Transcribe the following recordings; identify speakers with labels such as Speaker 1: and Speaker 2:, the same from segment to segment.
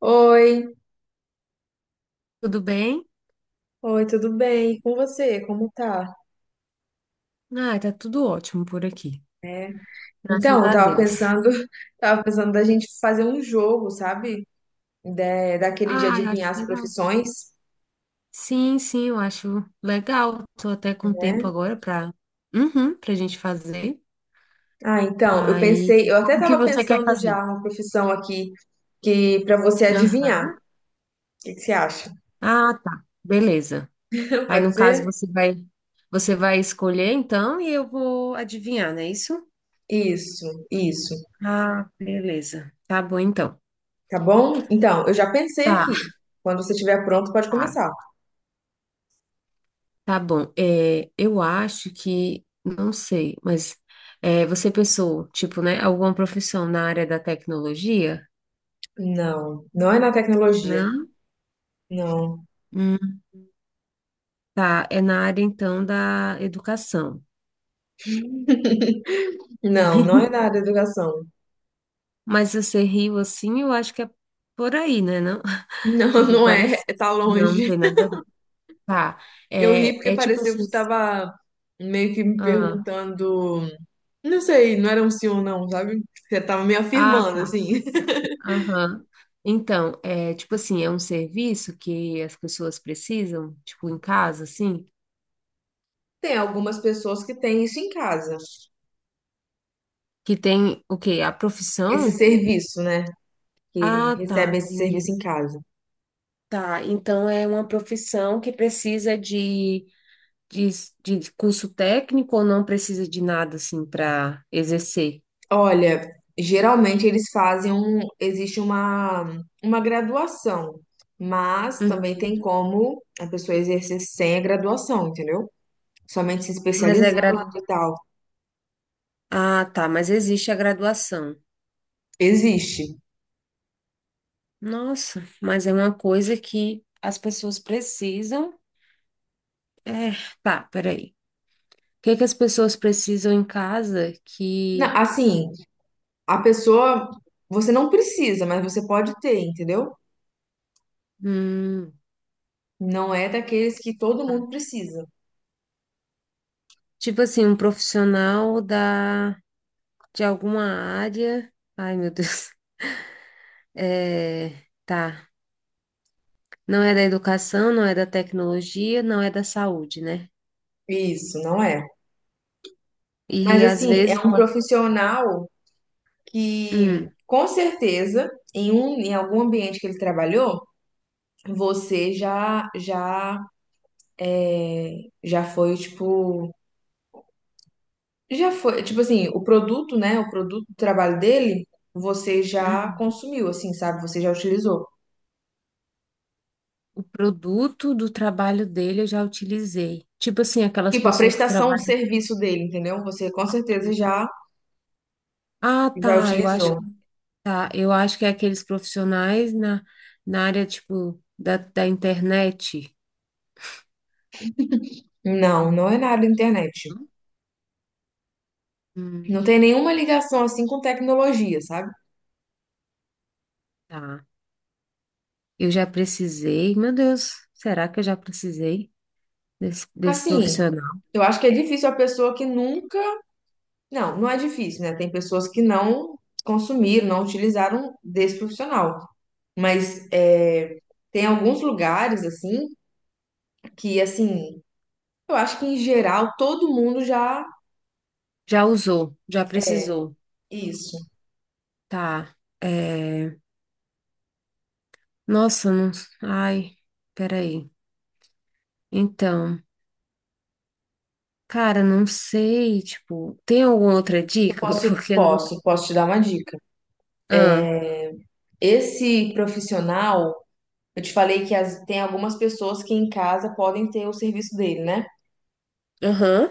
Speaker 1: Oi,
Speaker 2: Tudo bem?
Speaker 1: oi, tudo bem? E com você? Como tá?
Speaker 2: Ah, tá tudo ótimo por aqui. Graças
Speaker 1: Então, eu
Speaker 2: a
Speaker 1: tava
Speaker 2: Deus.
Speaker 1: pensando, tava pensando da gente fazer um jogo, sabe? Daquele de
Speaker 2: Ah, eu
Speaker 1: adivinhar
Speaker 2: acho
Speaker 1: as
Speaker 2: legal.
Speaker 1: profissões,
Speaker 2: Sim, sim, eu acho legal. Tô até com tempo
Speaker 1: né?
Speaker 2: agora para uhum, para gente fazer.
Speaker 1: Ah, então, eu
Speaker 2: Aí,
Speaker 1: pensei, eu até
Speaker 2: como que
Speaker 1: tava
Speaker 2: você quer
Speaker 1: pensando
Speaker 2: fazer?
Speaker 1: já uma profissão aqui que para você adivinhar. O
Speaker 2: Aham.
Speaker 1: que que você acha?
Speaker 2: Ah, tá. Beleza. Aí,
Speaker 1: Pode
Speaker 2: no caso,
Speaker 1: ser?
Speaker 2: você vai escolher então e eu vou adivinhar, não é isso?
Speaker 1: Isso, isso.
Speaker 2: Ah, beleza. Tá bom então.
Speaker 1: Tá bom? Então, eu já pensei
Speaker 2: Tá.
Speaker 1: aqui. Quando você estiver pronto, pode
Speaker 2: Tá.
Speaker 1: começar.
Speaker 2: Tá bom. É, eu acho que, não sei, mas é, você pensou, tipo, né, alguma profissão na área da tecnologia?
Speaker 1: Não, não é na tecnologia.
Speaker 2: Não?
Speaker 1: Não,
Speaker 2: Hum, tá, é na área então da educação.
Speaker 1: não, não é na área da educação.
Speaker 2: Mas você riu assim, eu acho que é por aí, né, não?
Speaker 1: Não,
Speaker 2: Tipo,
Speaker 1: não é,
Speaker 2: parece.
Speaker 1: é, tá
Speaker 2: Não, não
Speaker 1: longe.
Speaker 2: tem nada a ver. Tá,
Speaker 1: Eu ri
Speaker 2: é,
Speaker 1: porque
Speaker 2: é tipo
Speaker 1: pareceu que
Speaker 2: assim.
Speaker 1: você estava meio que me
Speaker 2: Ah,
Speaker 1: perguntando, não sei, não era um sim ou não, sabe? Você tava me
Speaker 2: ah,
Speaker 1: afirmando,
Speaker 2: tá.
Speaker 1: assim.
Speaker 2: Aham. Então, é tipo assim, é um serviço que as pessoas precisam, tipo, em casa, assim?
Speaker 1: Tem algumas pessoas que têm isso em casa,
Speaker 2: Que tem o quê? A
Speaker 1: esse
Speaker 2: profissão?
Speaker 1: serviço, né? Que
Speaker 2: Ah,
Speaker 1: recebem
Speaker 2: tá,
Speaker 1: esse
Speaker 2: entendi.
Speaker 1: serviço em casa.
Speaker 2: Tá, então é uma profissão que precisa de, de curso técnico ou não precisa de nada assim para exercer?
Speaker 1: Olha, geralmente eles fazem um, existe uma graduação, mas
Speaker 2: Uhum.
Speaker 1: também tem como a pessoa exercer sem a graduação, entendeu? Somente se
Speaker 2: Mas é
Speaker 1: especializando
Speaker 2: gradu...
Speaker 1: e tal.
Speaker 2: Ah, tá, mas existe a graduação.
Speaker 1: Existe.
Speaker 2: Nossa, mas é uma coisa que as pessoas precisam. É, tá, peraí. O que é que as pessoas precisam em casa que.
Speaker 1: Assim, a pessoa, você não precisa, mas você pode ter, entendeu?
Speaker 2: Hum,
Speaker 1: Não é daqueles que todo
Speaker 2: tá.
Speaker 1: mundo precisa.
Speaker 2: Tipo assim, um profissional da. De alguma área. Ai, meu Deus. É, tá. Não é da educação, não é da tecnologia, não é da saúde, né?
Speaker 1: Isso, não é. Mas
Speaker 2: E às
Speaker 1: assim, é
Speaker 2: vezes
Speaker 1: um
Speaker 2: pode.
Speaker 1: profissional que,
Speaker 2: Hum,
Speaker 1: com certeza, em um, em algum ambiente que ele trabalhou, você é, já foi, já foi, tipo assim, o produto, né, o produto do trabalho dele, você já
Speaker 2: uhum.
Speaker 1: consumiu, assim, sabe? Você já utilizou.
Speaker 2: O produto do trabalho dele eu já utilizei. Tipo assim, aquelas
Speaker 1: Tipo, a
Speaker 2: pessoas que
Speaker 1: prestação de
Speaker 2: trabalham.
Speaker 1: serviço dele, entendeu? Você com certeza já.
Speaker 2: Ah,
Speaker 1: Já
Speaker 2: tá. Eu acho
Speaker 1: utilizou?
Speaker 2: que tá. Eu acho que é aqueles profissionais na, na área, tipo, da, da internet.
Speaker 1: Não, não é nada internet.
Speaker 2: Não? Hum,
Speaker 1: Não tem nenhuma ligação assim com tecnologia, sabe?
Speaker 2: tá. Eu já precisei. Meu Deus, será que eu já precisei desse, desse
Speaker 1: Assim,
Speaker 2: profissional?
Speaker 1: eu acho que é difícil a pessoa que nunca. Não, não é difícil, né? Tem pessoas que não consumiram, não utilizaram desse profissional. Mas é, tem alguns lugares, assim, que, assim, eu acho que em geral todo mundo já.
Speaker 2: Já usou, já precisou.
Speaker 1: Isso.
Speaker 2: Tá. É... Nossa, não. Ai, peraí. Então, cara, não sei. Tipo, tem alguma outra
Speaker 1: Eu
Speaker 2: dica?
Speaker 1: posso,
Speaker 2: Porque não.
Speaker 1: posso, posso te dar uma dica.
Speaker 2: Ah,
Speaker 1: Esse profissional. Eu te falei que tem algumas pessoas que em casa podem ter o serviço dele, né?
Speaker 2: aham.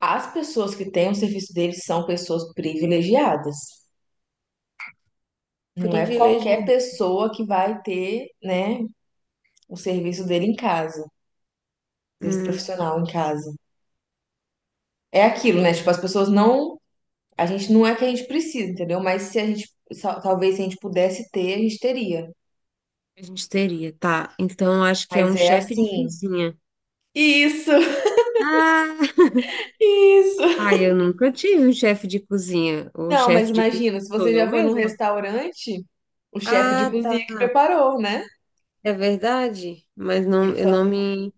Speaker 1: As pessoas que têm o serviço dele são pessoas privilegiadas. Não é qualquer
Speaker 2: Privilegiado.
Speaker 1: pessoa que vai ter, né, o serviço dele em casa, desse
Speaker 2: Hum,
Speaker 1: profissional em casa. É aquilo, né? Tipo, as pessoas não. A gente não é que a gente precisa, entendeu? Mas se a gente. Talvez se a gente pudesse ter, a gente teria.
Speaker 2: a gente teria, tá. Então, acho que é
Speaker 1: Mas
Speaker 2: um
Speaker 1: é
Speaker 2: chefe de
Speaker 1: assim.
Speaker 2: cozinha.
Speaker 1: Isso!
Speaker 2: Ah,
Speaker 1: Isso!
Speaker 2: ai, eu nunca tive um chefe de cozinha. O
Speaker 1: Não, mas
Speaker 2: chefe de cozinha
Speaker 1: imagina, se
Speaker 2: sou
Speaker 1: você
Speaker 2: eu
Speaker 1: já foi num
Speaker 2: mesma.
Speaker 1: restaurante, o chefe de
Speaker 2: Ah, tá.
Speaker 1: cozinha que preparou, né?
Speaker 2: É verdade, mas
Speaker 1: Ele
Speaker 2: não, eu
Speaker 1: só.
Speaker 2: não me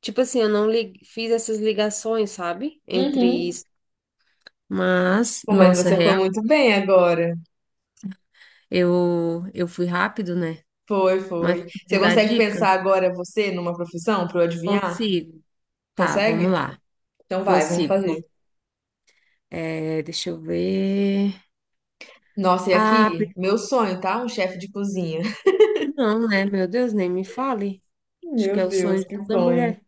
Speaker 2: tipo assim, eu não fiz essas ligações, sabe? Entre
Speaker 1: Uhum.
Speaker 2: isso. Mas,
Speaker 1: Pô, mas
Speaker 2: nossa,
Speaker 1: você foi
Speaker 2: real,
Speaker 1: muito bem agora.
Speaker 2: eu fui rápido, né?
Speaker 1: Foi,
Speaker 2: Mas
Speaker 1: foi. Você
Speaker 2: vou dar
Speaker 1: consegue pensar
Speaker 2: dica?
Speaker 1: agora você numa profissão para eu adivinhar?
Speaker 2: Consigo. Tá, vamos
Speaker 1: Consegue?
Speaker 2: lá.
Speaker 1: Então vai, vamos
Speaker 2: Consigo.
Speaker 1: fazer.
Speaker 2: Vamos- é, deixa eu ver.
Speaker 1: Nossa, e
Speaker 2: Ah,
Speaker 1: aqui, meu sonho, tá? Um chefe de cozinha.
Speaker 2: não, né? Meu Deus, nem me fale. Acho que
Speaker 1: Meu
Speaker 2: é o sonho
Speaker 1: Deus,
Speaker 2: de
Speaker 1: que
Speaker 2: toda
Speaker 1: sonho.
Speaker 2: mulher.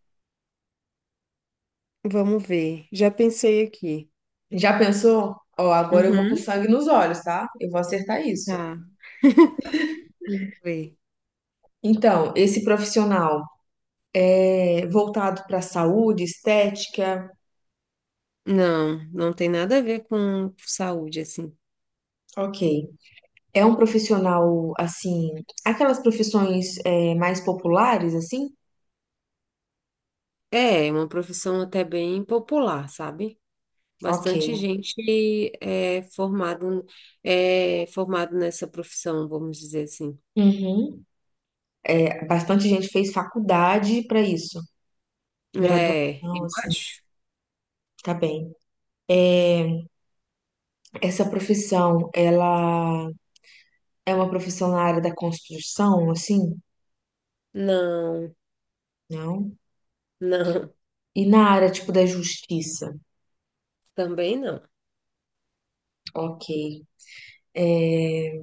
Speaker 2: Vamos ver. Já pensei aqui.
Speaker 1: Já pensou? Ó, agora eu vou com
Speaker 2: Uhum.
Speaker 1: sangue nos olhos, tá? Eu vou acertar isso.
Speaker 2: Tá, vamos ver.
Speaker 1: Então, esse profissional é voltado para saúde, estética,
Speaker 2: Não, não tem nada a ver com saúde, assim.
Speaker 1: ok. É um profissional, assim, aquelas profissões é, mais populares, assim?
Speaker 2: É uma profissão até bem popular, sabe?
Speaker 1: Ok.
Speaker 2: Bastante gente é formado, é formado nessa profissão, vamos dizer assim.
Speaker 1: Uhum. É, bastante gente fez faculdade para isso,
Speaker 2: É,
Speaker 1: graduação,
Speaker 2: eu
Speaker 1: assim,
Speaker 2: acho.
Speaker 1: tá bem. Essa profissão, ela é uma profissão na área da construção, assim?
Speaker 2: Não,
Speaker 1: Não.
Speaker 2: não,
Speaker 1: E na área, tipo, da justiça?
Speaker 2: também não.
Speaker 1: Ok. É...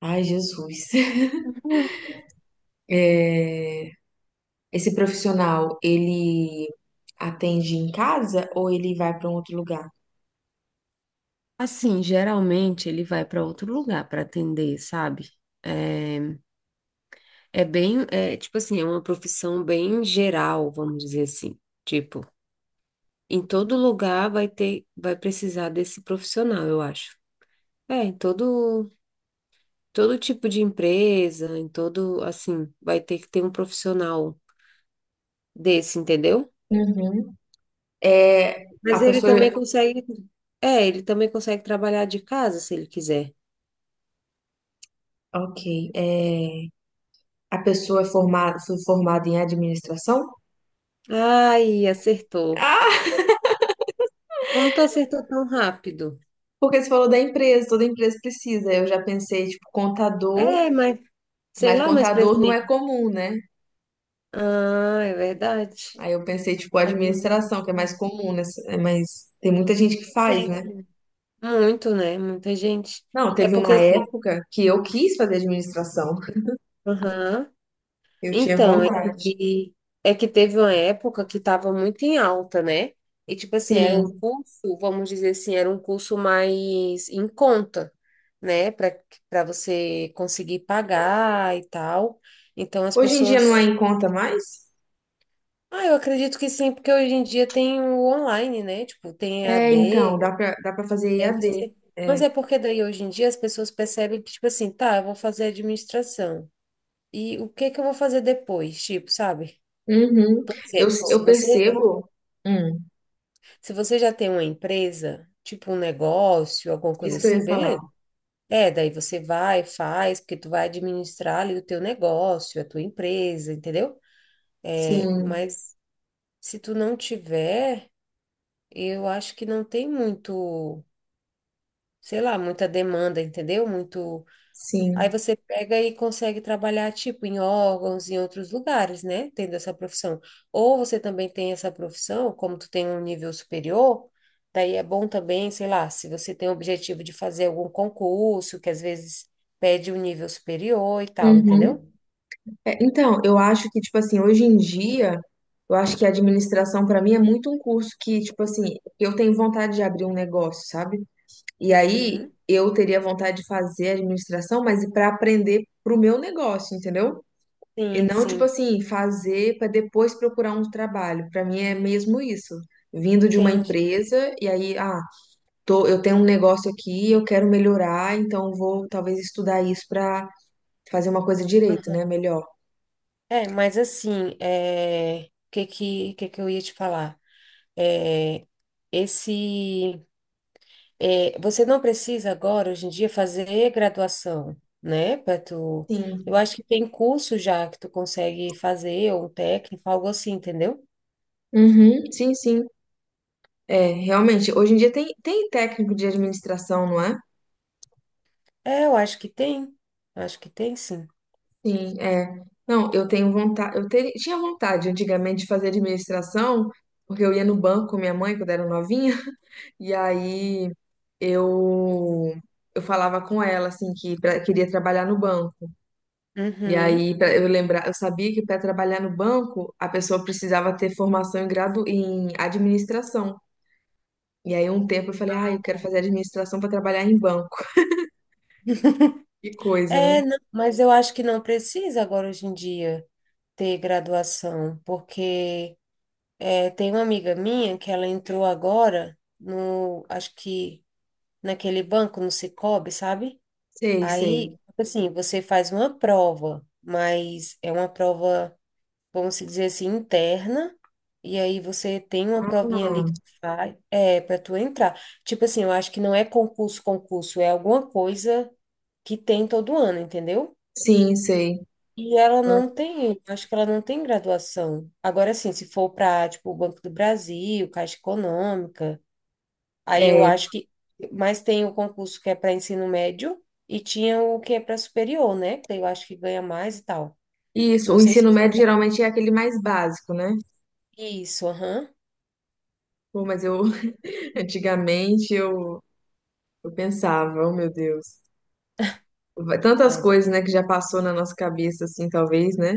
Speaker 1: Ai, Jesus. É, esse profissional, ele atende em casa ou ele vai para um outro lugar?
Speaker 2: Assim, geralmente ele vai para outro lugar para atender, sabe? É, é bem, é tipo assim, é uma profissão bem geral, vamos dizer assim. Tipo, em todo lugar vai ter, vai precisar desse profissional, eu acho. É, em todo. Todo tipo de empresa, em todo, assim, vai ter que ter um profissional desse, entendeu?
Speaker 1: Uhum. É, a
Speaker 2: Mas ele
Speaker 1: pessoa,
Speaker 2: também consegue, é, ele também consegue trabalhar de casa se ele quiser.
Speaker 1: ok, é, a pessoa é formada, foi formada em administração?
Speaker 2: Ai, acertou.
Speaker 1: Ah,
Speaker 2: Como tu acertou tão rápido?
Speaker 1: porque você falou da empresa, toda empresa precisa. Eu já pensei, tipo, contador,
Speaker 2: É, mas sei
Speaker 1: mas
Speaker 2: lá, mas
Speaker 1: contador não
Speaker 2: presidente.
Speaker 1: é comum, né?
Speaker 2: Ah, é verdade.
Speaker 1: Aí eu pensei, tipo, administração, que é
Speaker 2: Administração.
Speaker 1: mais comum, né? É mais, tem muita gente que faz,
Speaker 2: Sim,
Speaker 1: né?
Speaker 2: muito, né? Muita gente.
Speaker 1: Não,
Speaker 2: É
Speaker 1: teve
Speaker 2: porque
Speaker 1: uma
Speaker 2: assim,
Speaker 1: época que eu quis fazer administração,
Speaker 2: aham.
Speaker 1: eu tinha
Speaker 2: Então,
Speaker 1: vontade.
Speaker 2: que, é que teve uma época que estava muito em alta, né? E, tipo assim, era um
Speaker 1: Sim,
Speaker 2: curso, vamos dizer assim, era um curso mais em conta, né? Para para você conseguir pagar e tal. Então, as
Speaker 1: hoje em dia não
Speaker 2: pessoas.
Speaker 1: é em conta mais?
Speaker 2: Ah, eu acredito que sim, porque hoje em dia tem o online, né? Tipo, tem
Speaker 1: É, então,
Speaker 2: EAD,
Speaker 1: dá pra fazer
Speaker 2: deve
Speaker 1: EAD.
Speaker 2: ser. Mas é porque daí hoje em dia as pessoas percebem que, tipo assim, tá, eu vou fazer administração. E o que que eu vou fazer depois? Tipo, sabe?
Speaker 1: Uhum.
Speaker 2: Por
Speaker 1: Eu,
Speaker 2: exemplo, se
Speaker 1: eu
Speaker 2: você já
Speaker 1: percebo. Hum,
Speaker 2: se você já tem uma empresa, tipo um negócio, alguma coisa
Speaker 1: isso que eu
Speaker 2: assim,
Speaker 1: ia falar.
Speaker 2: beleza. É, daí você vai, faz, porque tu vai administrar ali o teu negócio, a tua empresa, entendeu? É,
Speaker 1: Sim,
Speaker 2: mas se tu não tiver, eu acho que não tem muito, sei lá, muita demanda, entendeu? Muito aí
Speaker 1: sim.
Speaker 2: você pega e consegue trabalhar, tipo, em órgãos, em outros lugares, né? Tendo essa profissão. Ou você também tem essa profissão, como tu tem um nível superior, daí é bom também, sei lá, se você tem o objetivo de fazer algum concurso, que às vezes pede um nível superior e tal,
Speaker 1: Uhum.
Speaker 2: entendeu?
Speaker 1: É, então, eu acho que, tipo assim, hoje em dia, eu acho que a administração, pra mim, é muito um curso que, tipo assim, eu tenho vontade de abrir um negócio, sabe? E aí
Speaker 2: Uhum.
Speaker 1: eu teria vontade de fazer administração, mas para aprender pro meu negócio, entendeu? E
Speaker 2: Sim,
Speaker 1: não, tipo
Speaker 2: sim,
Speaker 1: assim, fazer pra depois procurar um trabalho. Pra mim é mesmo isso. Vindo de uma
Speaker 2: entendi.
Speaker 1: empresa, e aí, ah, tô, eu tenho um negócio aqui, eu quero melhorar, então vou talvez estudar isso para fazer uma coisa direito,
Speaker 2: Aham.
Speaker 1: né? Melhor.
Speaker 2: É, mas assim, é... o que que eu ia te falar? É... Esse. É, você não precisa agora, hoje em dia, fazer graduação, né? Para tu... Eu
Speaker 1: Sim.
Speaker 2: acho que tem curso já que tu consegue fazer, ou um técnico, algo assim, entendeu?
Speaker 1: Uhum, sim, sim. É, realmente, hoje em dia tem técnico de administração, não é?
Speaker 2: É, eu acho que tem. Acho que tem, sim.
Speaker 1: Sim, é. Não, eu tenho vontade, tinha vontade antigamente de fazer administração, porque eu ia no banco com minha mãe quando era novinha, e aí eu eu falava com ela assim que queria trabalhar no banco. E
Speaker 2: Uhum.
Speaker 1: aí, pra eu lembrar, eu sabia que para trabalhar no banco, a pessoa precisava ter formação em gradu em administração. E aí, um tempo eu falei, ah, eu quero
Speaker 2: Tá.
Speaker 1: fazer administração para trabalhar em banco. Que coisa, né?
Speaker 2: É, não, mas eu acho que não precisa agora, hoje em dia, ter graduação, porque é, tem uma amiga minha que ela entrou agora no, acho que naquele banco, no Sicoob, sabe?
Speaker 1: Sei, sei.
Speaker 2: Aí, tipo assim, você faz uma prova, mas é uma prova, vamos se dizer assim, interna, e aí você tem uma provinha ali
Speaker 1: Ah,
Speaker 2: que tu faz, é, para tu entrar. Tipo assim, eu acho que não é concurso, concurso, é alguma coisa que tem todo ano, entendeu?
Speaker 1: sim, sei.
Speaker 2: E ela não tem, eu acho que ela não tem graduação. Agora, assim, se for para, tipo, o Banco do Brasil, Caixa Econômica, aí eu
Speaker 1: É,
Speaker 2: acho que. Mas tem o concurso que é para ensino médio e tinha o que é para superior, né? Que daí eu acho que ganha mais e tal.
Speaker 1: isso.
Speaker 2: Não
Speaker 1: O
Speaker 2: sei se
Speaker 1: ensino médio geralmente é aquele mais básico, né?
Speaker 2: é isso, aham.
Speaker 1: Pô, mas eu, antigamente, eu pensava, oh meu Deus. Tantas
Speaker 2: É.
Speaker 1: coisas, né, que já passou na nossa cabeça, assim, talvez, né?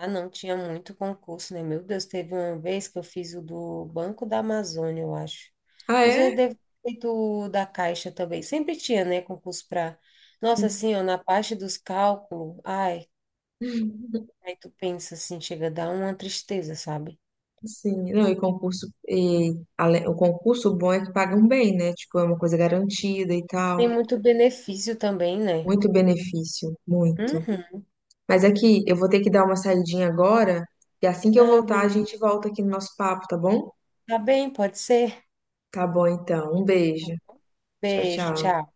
Speaker 2: Ah, não, tinha muito concurso, né? Meu Deus, teve uma vez que eu fiz o do Banco da Amazônia, eu acho.
Speaker 1: Ah,
Speaker 2: Mas eu
Speaker 1: é?
Speaker 2: devo ter feito o da Caixa também. Sempre tinha, né? Concurso para. Nossa, assim, ó, na parte dos cálculos, ai, aí tu pensa assim, chega a dar uma tristeza, sabe?
Speaker 1: Sim, não, e concurso, e, o concurso bom é que pagam bem, né? Tipo, é uma coisa garantida e
Speaker 2: Tem
Speaker 1: tal.
Speaker 2: muito benefício também, né?
Speaker 1: Muito benefício, muito.
Speaker 2: Uhum.
Speaker 1: Mas aqui, eu vou ter que dar uma saidinha agora, e assim que eu
Speaker 2: Ah,
Speaker 1: voltar, a gente volta aqui no nosso papo, tá bom?
Speaker 2: tá bem, pode ser?
Speaker 1: Tá bom, então. Um beijo. Tchau,
Speaker 2: Beijo,
Speaker 1: tchau.
Speaker 2: tchau.